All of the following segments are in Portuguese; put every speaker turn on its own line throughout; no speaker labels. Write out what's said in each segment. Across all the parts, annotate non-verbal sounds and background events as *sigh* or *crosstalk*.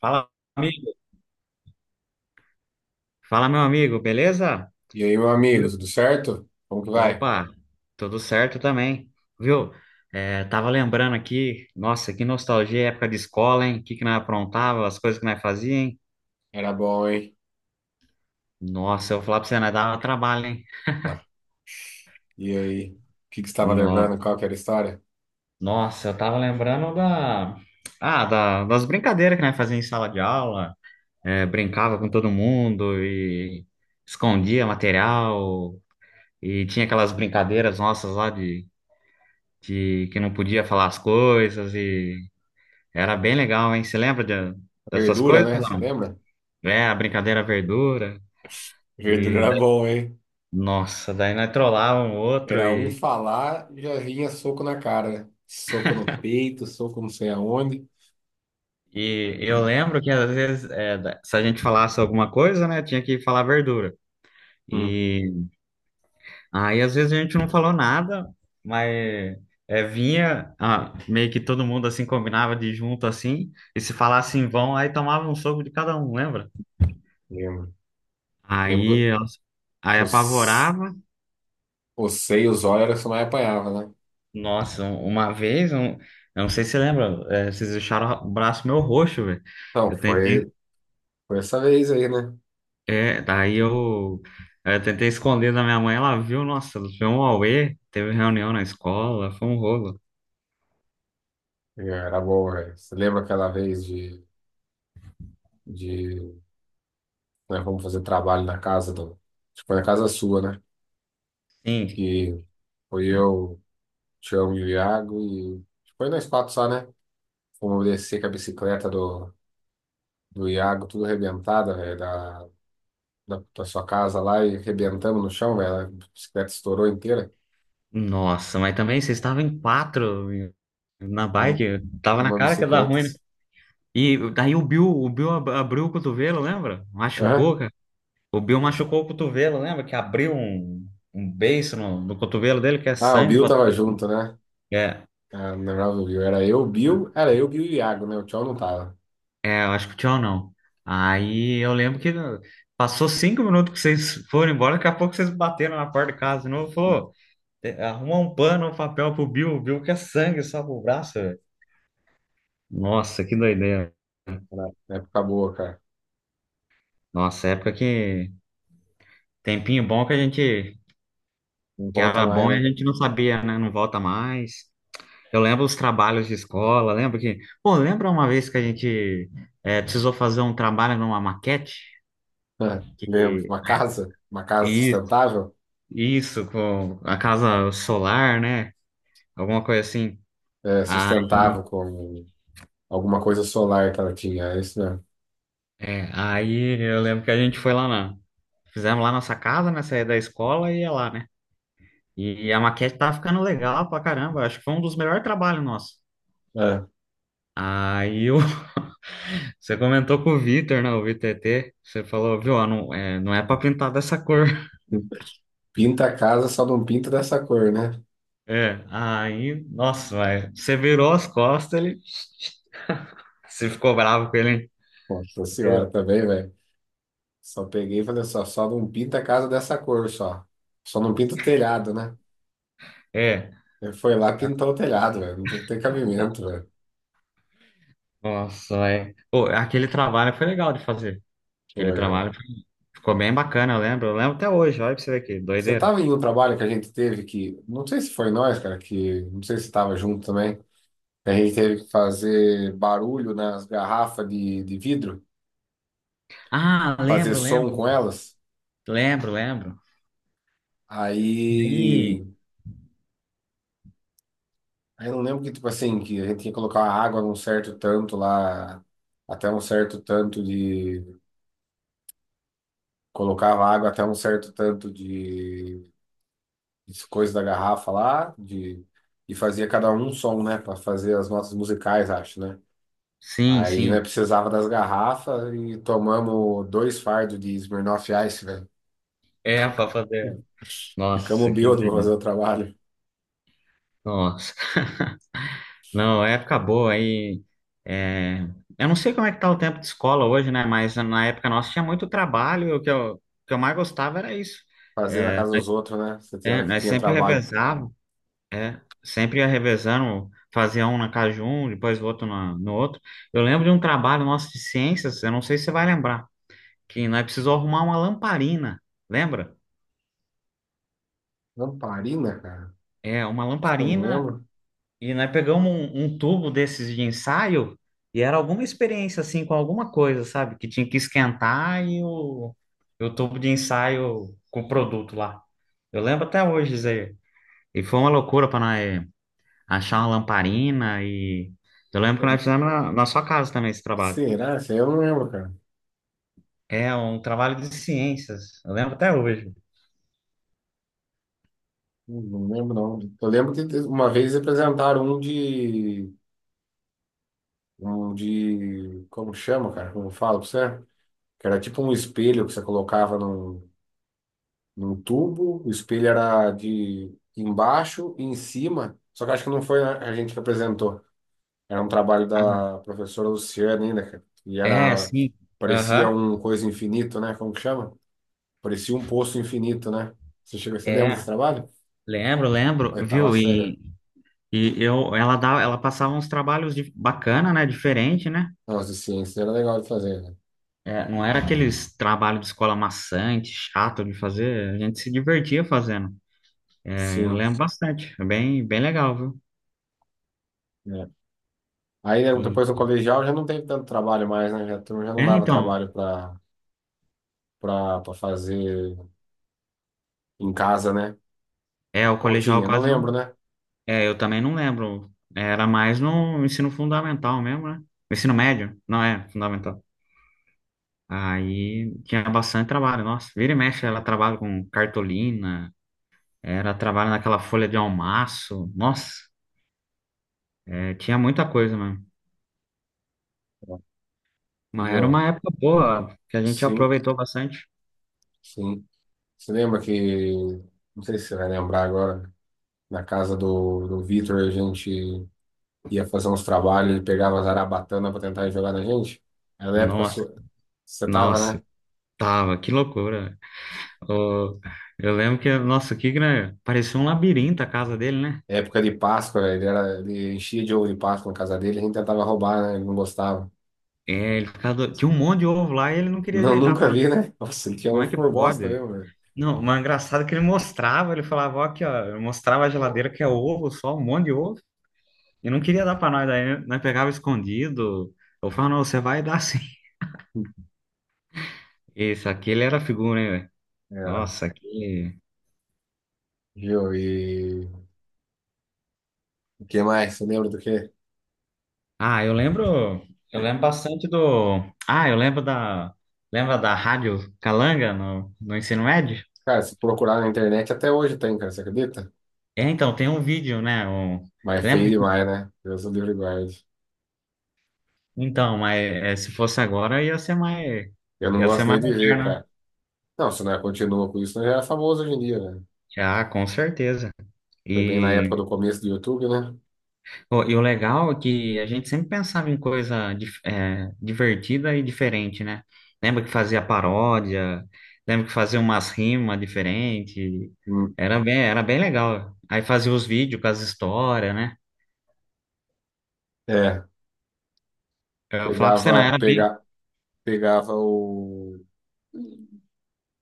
Fala, amigo. Fala, meu amigo, beleza?
E aí, meu amigo,
Viu?
tudo certo? Como que vai?
Opa, tudo certo também, viu? É, tava lembrando aqui, nossa, que nostalgia, é época de escola, hein? O que que nós aprontava, as coisas que nós fazia, hein?
Era bom, hein?
Nossa, eu vou falar pra você, nós dava trabalho, hein?
Tá. E aí, o que que você estava
No-
lembrando? Qual que era a história?
Nossa, eu tava lembrando da... Ah, das brincadeiras que nós fazia em sala de aula, é, brincava com todo mundo e escondia material e tinha aquelas brincadeiras nossas lá de que não podia falar as coisas e era bem legal, hein? Você lembra dessas
Verdura,
coisas?
né? Você
Não?
lembra?
É, a brincadeira verdura
Verdura
e
era
daí-
bom, hein?
nossa, daí nós trollava um outro
Era um falar, já vinha soco na cara, né? Soco no peito, soco não sei aonde.
e eu lembro que às vezes é, se a gente falasse alguma coisa, né, tinha que falar verdura.
Hum,
E aí às vezes a gente não falou nada, mas é, vinha meio que todo mundo assim combinava de ir junto assim e se falasse em vão, aí tomava um soco de cada um, lembra?
lembro. Lembro
Aí,
que
nossa, aí
os,
apavorava.
os seios, olhos era o que você mais apanhava, né?
Nossa, uma vez, um, eu não sei se você lembra, é, vocês deixaram o braço meu roxo, velho.
Não,
Eu tentei,
foi essa vez aí, né?
é, daí eu tentei esconder da minha mãe, ela viu, nossa, foi um auê, teve reunião na escola, foi um rolo.
Era bom, velho. Você lembra aquela vez de, de né? Vamos fazer trabalho na casa do. Acho que foi na casa sua, né?
Sim,
Que foi eu, Tião e o Iago e. Acho que foi nós quatro só, né? Fomos descer com a bicicleta do Iago, tudo arrebentada, velho, da sua casa lá e arrebentamos no chão, velho. A bicicleta estourou inteira
nossa, mas também vocês estavam em quatro na
nu-
bike, tava na
numa
cara que ia dar
bicicleta.
ruim, né? E daí o Bill, o Bill abriu o cotovelo, lembra? Machucou,
Aham.
cara. O Bill machucou o cotovelo, lembra? Que abriu um, um beiço no, no cotovelo dele, que é
Ah, o
sangue
Bill
pra
tava junto, né?
é.
Ah, não lembrava do Bill. Era eu, o Bill e o Iago, né? O Tião não tava.
É, eu acho que o tchau não. Aí eu lembro que passou 5 minutos que vocês foram embora, daqui a pouco vocês bateram na porta de casa de novo, falou, arruma um pano, um papel pro Bill, o Bill quer sangue só pro braço, velho." Nossa, que doideira.
Era época boa, cara.
Nossa, época que tempinho bom que a gente,
Não
que
volta
era
mais,
bom e
né?
a gente não sabia, né? Não volta mais. Eu lembro os trabalhos de escola, lembro que, pô, lembra uma vez que a gente precisou fazer um trabalho numa maquete?
É, lembro, uma casa
Que,
sustentável,
isso, com a casa solar, né? Alguma coisa assim.
é,
Ah,
sustentável com alguma coisa solar que ela tinha, é isso mesmo.
é. Aí eu lembro que a gente foi lá na. Fizemos lá nossa casa, né? Saía da escola e ia lá, né? E a maquete tava ficando legal pra caramba. Acho que foi um dos melhores trabalhos nossos.
É.
Aí eu... *laughs* você comentou com o Vitor, né? O Vitor ET. Você falou, viu? Ó, não é, não é pra pintar dessa cor. *laughs*
Pinta a casa, só não pinta dessa cor, né?
É. Aí, nossa, vai. Você virou as costas, ele. *laughs* Você ficou bravo com ele, hein?
Nossa senhora também, velho. Só peguei e falei só não pinta a casa dessa cor, só. Só não pinta o telhado, né?
É.
Ele foi lá e pintou o telhado, velho. Não tem cabimento, velho.
Nossa, é. Pô, aquele trabalho foi legal de fazer. Aquele
Foi, velho.
trabalho ficou bem bacana, eu lembro. Eu lembro até hoje, olha pra você ver aqui,
Você
doideira.
tava em um trabalho que a gente teve que, não sei se foi nós, cara, que, não sei se você tava junto também. A gente teve que fazer barulho nas garrafas de vidro,
Ah,
fazer som com elas.
lembro.
Aí,
Aí,
aí, eu não lembro que, tipo assim, que a gente tinha que colocar a água num certo tanto lá, até um certo tanto de. Colocava água até um certo tanto de, coisa da garrafa lá, de, e fazia cada um um som, né, para fazer as notas musicais, acho, né?
sim,
Aí, né,
sim.
precisava das garrafas e tomamos dois fardos de Smirnoff Ice, velho.
É, *laughs* pra fazer.
Ficamos
Nossa, que.
bêbados pra fazer o trabalho.
Nossa. Não, é época boa aí. É, eu não sei como é que tá o tempo de escola hoje, né? Mas na época nossa tinha muito trabalho. E o que eu mais gostava era isso.
Fazer na casa dos outros, né? Você tem
É,
hora que
nós
tinha
sempre
trabalho.
revezávamos. É, sempre ia revezando, fazia um na casa de um, depois o outro no outro. Eu lembro de um trabalho nosso de ciências, eu não sei se você vai lembrar, que nós precisou arrumar uma lamparina, lembra?
Lamparina, cara?
É, uma
Acho que eu não
lamparina,
lembro.
e nós pegamos um, um tubo desses de ensaio, e era alguma experiência, assim, com alguma coisa, sabe? Que tinha que esquentar e o tubo de ensaio com o produto lá. Eu lembro até hoje, Zé. E foi uma loucura para nós achar uma lamparina e. Eu lembro que nós fizemos na, na sua casa também esse trabalho.
Será? Isso aí eu não lembro, cara.
É um trabalho de ciências, eu lembro até hoje.
Não, não lembro, não. Eu lembro que uma vez apresentaram um de... Um de... Como chama, cara? Como eu falo pra você? Que era tipo um espelho que você colocava num tubo. O espelho era de embaixo e em cima. Só que acho que não foi a gente que apresentou. Era um trabalho
Ah,
da professora Luciana ainda, cara.
é, sim.
Parecia
Aham.
um coisa infinito, né? Como que chama? Parecia um poço infinito, né? Você lembra desse
É,
trabalho?
lembro, lembro,
Oitava
viu?
série.
E eu, ela dava, ela passava uns trabalhos de, bacana, né? Diferente, né?
Nossa, de ciência era legal de fazer, né?
É, não era aqueles trabalhos de escola maçante, chato de fazer. A gente se divertia fazendo. Eu
Sim.
lembro bastante. É bem, bem legal, viu?
Né? Aí né,
E,
depois do colegial já não teve tanto trabalho mais, né? Já, a turma já
é,
não dava
então,
trabalho para fazer em casa, né?
é, o
Ou
colegial
tinha, não
quase.
lembro, né?
É, eu também não lembro. Era mais no ensino fundamental mesmo, né? Ensino médio? Não, é, fundamental. Aí tinha bastante trabalho. Nossa, vira e mexe, ela trabalha com cartolina, era trabalho naquela folha de almaço. Nossa, é, tinha muita coisa mesmo. Mas era
Viu?
uma época boa, que a gente
Sim,
aproveitou bastante.
sim. Você lembra que, não sei se você vai lembrar agora, na casa do Vitor, a gente ia fazer uns trabalhos, ele pegava as arabatanas para tentar jogar na gente. Era época
Nossa,
sua. Você tava,
nossa,
né?
tava, que loucura. Ô, eu lembro que, nossa, que grande, parecia um labirinto a casa dele, né?
Época de Páscoa, ele enchia de ovo de Páscoa na casa dele, a gente tentava roubar, né? Ele não gostava.
É, ele ficava, tinha um monte de ovo lá e ele não queria
Não, *laughs*
ajeitar pra.
nunca vi, né? Nossa, ele tinha
Como é
ovo
que
por bosta
pode?
mesmo, velho.
Não, mas é engraçado que ele mostrava, ele falava, ó, aqui, ó, eu mostrava a geladeira que é ovo, só um monte de ovo, e não queria dar pra nós, daí nós pegava escondido. Eu falava, não, você vai dar sim. Isso, aquele era figura, hein, velho?
Era.
Nossa, aquele.
Viu? E o que mais? Você lembra do quê?
Ah, eu lembro bastante do. Ah, eu lembro da. Lembra da Rádio Calanga no, no ensino médio?
Cara, se procurar na internet até hoje tem, cara, você acredita?
É, então, tem um vídeo, né? Um...
Mas é feio
Lembro que.
demais, né? Deus o livre e guarde.
Então, mas é, se fosse agora ia ser mais.
Eu não
Ia ser
gosto nem
mais
de ver,
moderno, né?
cara. Não, se não é, continua com isso, não já é famoso hoje em dia, né?
Já, com certeza.
Foi bem na época
E,
do começo do YouTube, né?
pô, e o legal é que a gente sempre pensava em coisa divertida e diferente, né? Lembra que fazia paródia, lembra que fazia umas rimas diferentes.
Hum.
Era bem legal. Aí fazia os vídeos com as histórias, né?
É,
Eu falava pra você, não,
pegava,
era bem.
pega, pegava o.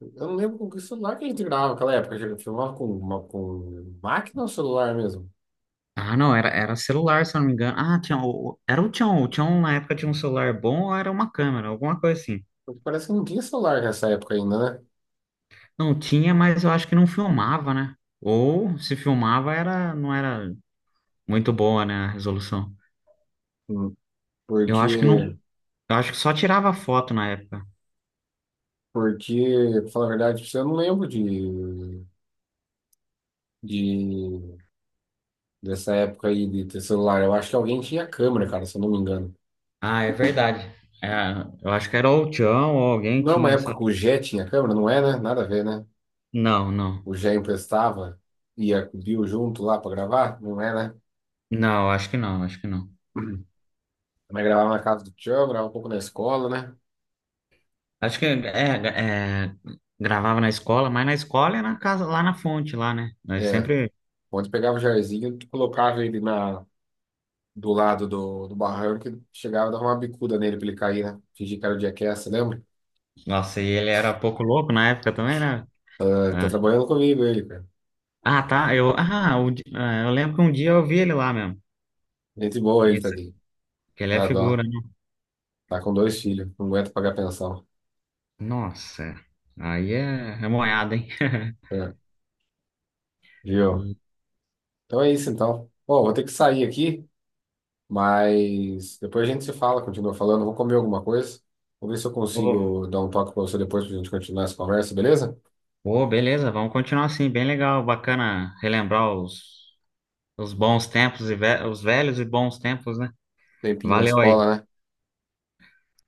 Eu não lembro com que celular que a gente gravava naquela época. A gente filmava com máquina ou celular mesmo?
Ah, não, era, era celular, se eu não me engano. Ah, tinha, era o Tchon. O Tchon, na época, tinha um celular bom ou era uma câmera, alguma coisa assim.
Porque parece que não tinha celular nessa época ainda, né?
Não tinha, mas eu acho que não filmava, né? Ou se filmava, era, não era muito boa, né, a resolução.
Hum,
Eu acho que não,
Porque,
eu acho que só tirava foto na época.
porque, pra falar a verdade, pra você, eu não lembro de, dessa época aí de ter celular. Eu acho que alguém tinha câmera, cara, se eu não me engano.
Ah, é verdade. É, eu acho que era ou o Tião ou alguém
Não é uma
tinha essa.
época que o Jet tinha câmera, não é, né? Nada a ver, né?
Não, não.
O Jé emprestava, ia com Bill junto lá pra gravar, não é, né?
Não, acho que não, acho que não.
Uhum. Mas gravava na casa do tio, gravava um pouco na escola, né?
Acho que é, é, gravava na escola, mas na escola e na casa, lá na fonte, lá, né? Nós
É,
sempre.
onde pegava o Jairzinho, tu colocava ele do lado do barranco e chegava e dava uma bicuda nele pra ele cair, né? Fingir que era o Jackass, lembra?
Nossa, e ele era pouco louco na época também, né?
Tá,
Ah,
tá trabalhando comigo ele, cara.
ah, tá. Eu, ah, o eu lembro que um dia eu vi ele lá mesmo.
Gente boa ele,
Isso,
tadinho.
que ele é
Dá dó.
figura, né?
Tá com dois filhos, não aguenta pagar pensão.
Nossa, aí é, é moiado, hein?
É, viu?
*laughs*
Então é isso então. Pô, vou ter que sair aqui. Mas depois a gente se fala, continua falando. Vou comer alguma coisa. Vou ver se eu consigo dar um toque para você depois para a gente continuar essa conversa, beleza?
Pô, beleza, vamos continuar assim, bem legal, bacana relembrar os bons tempos, e os velhos e bons tempos, né?
Tempinho da
Valeu aí,
escola, né?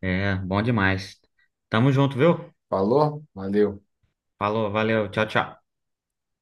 é, bom demais. Tamo junto, viu?
Falou, valeu.
Falou, valeu, tchau, tchau.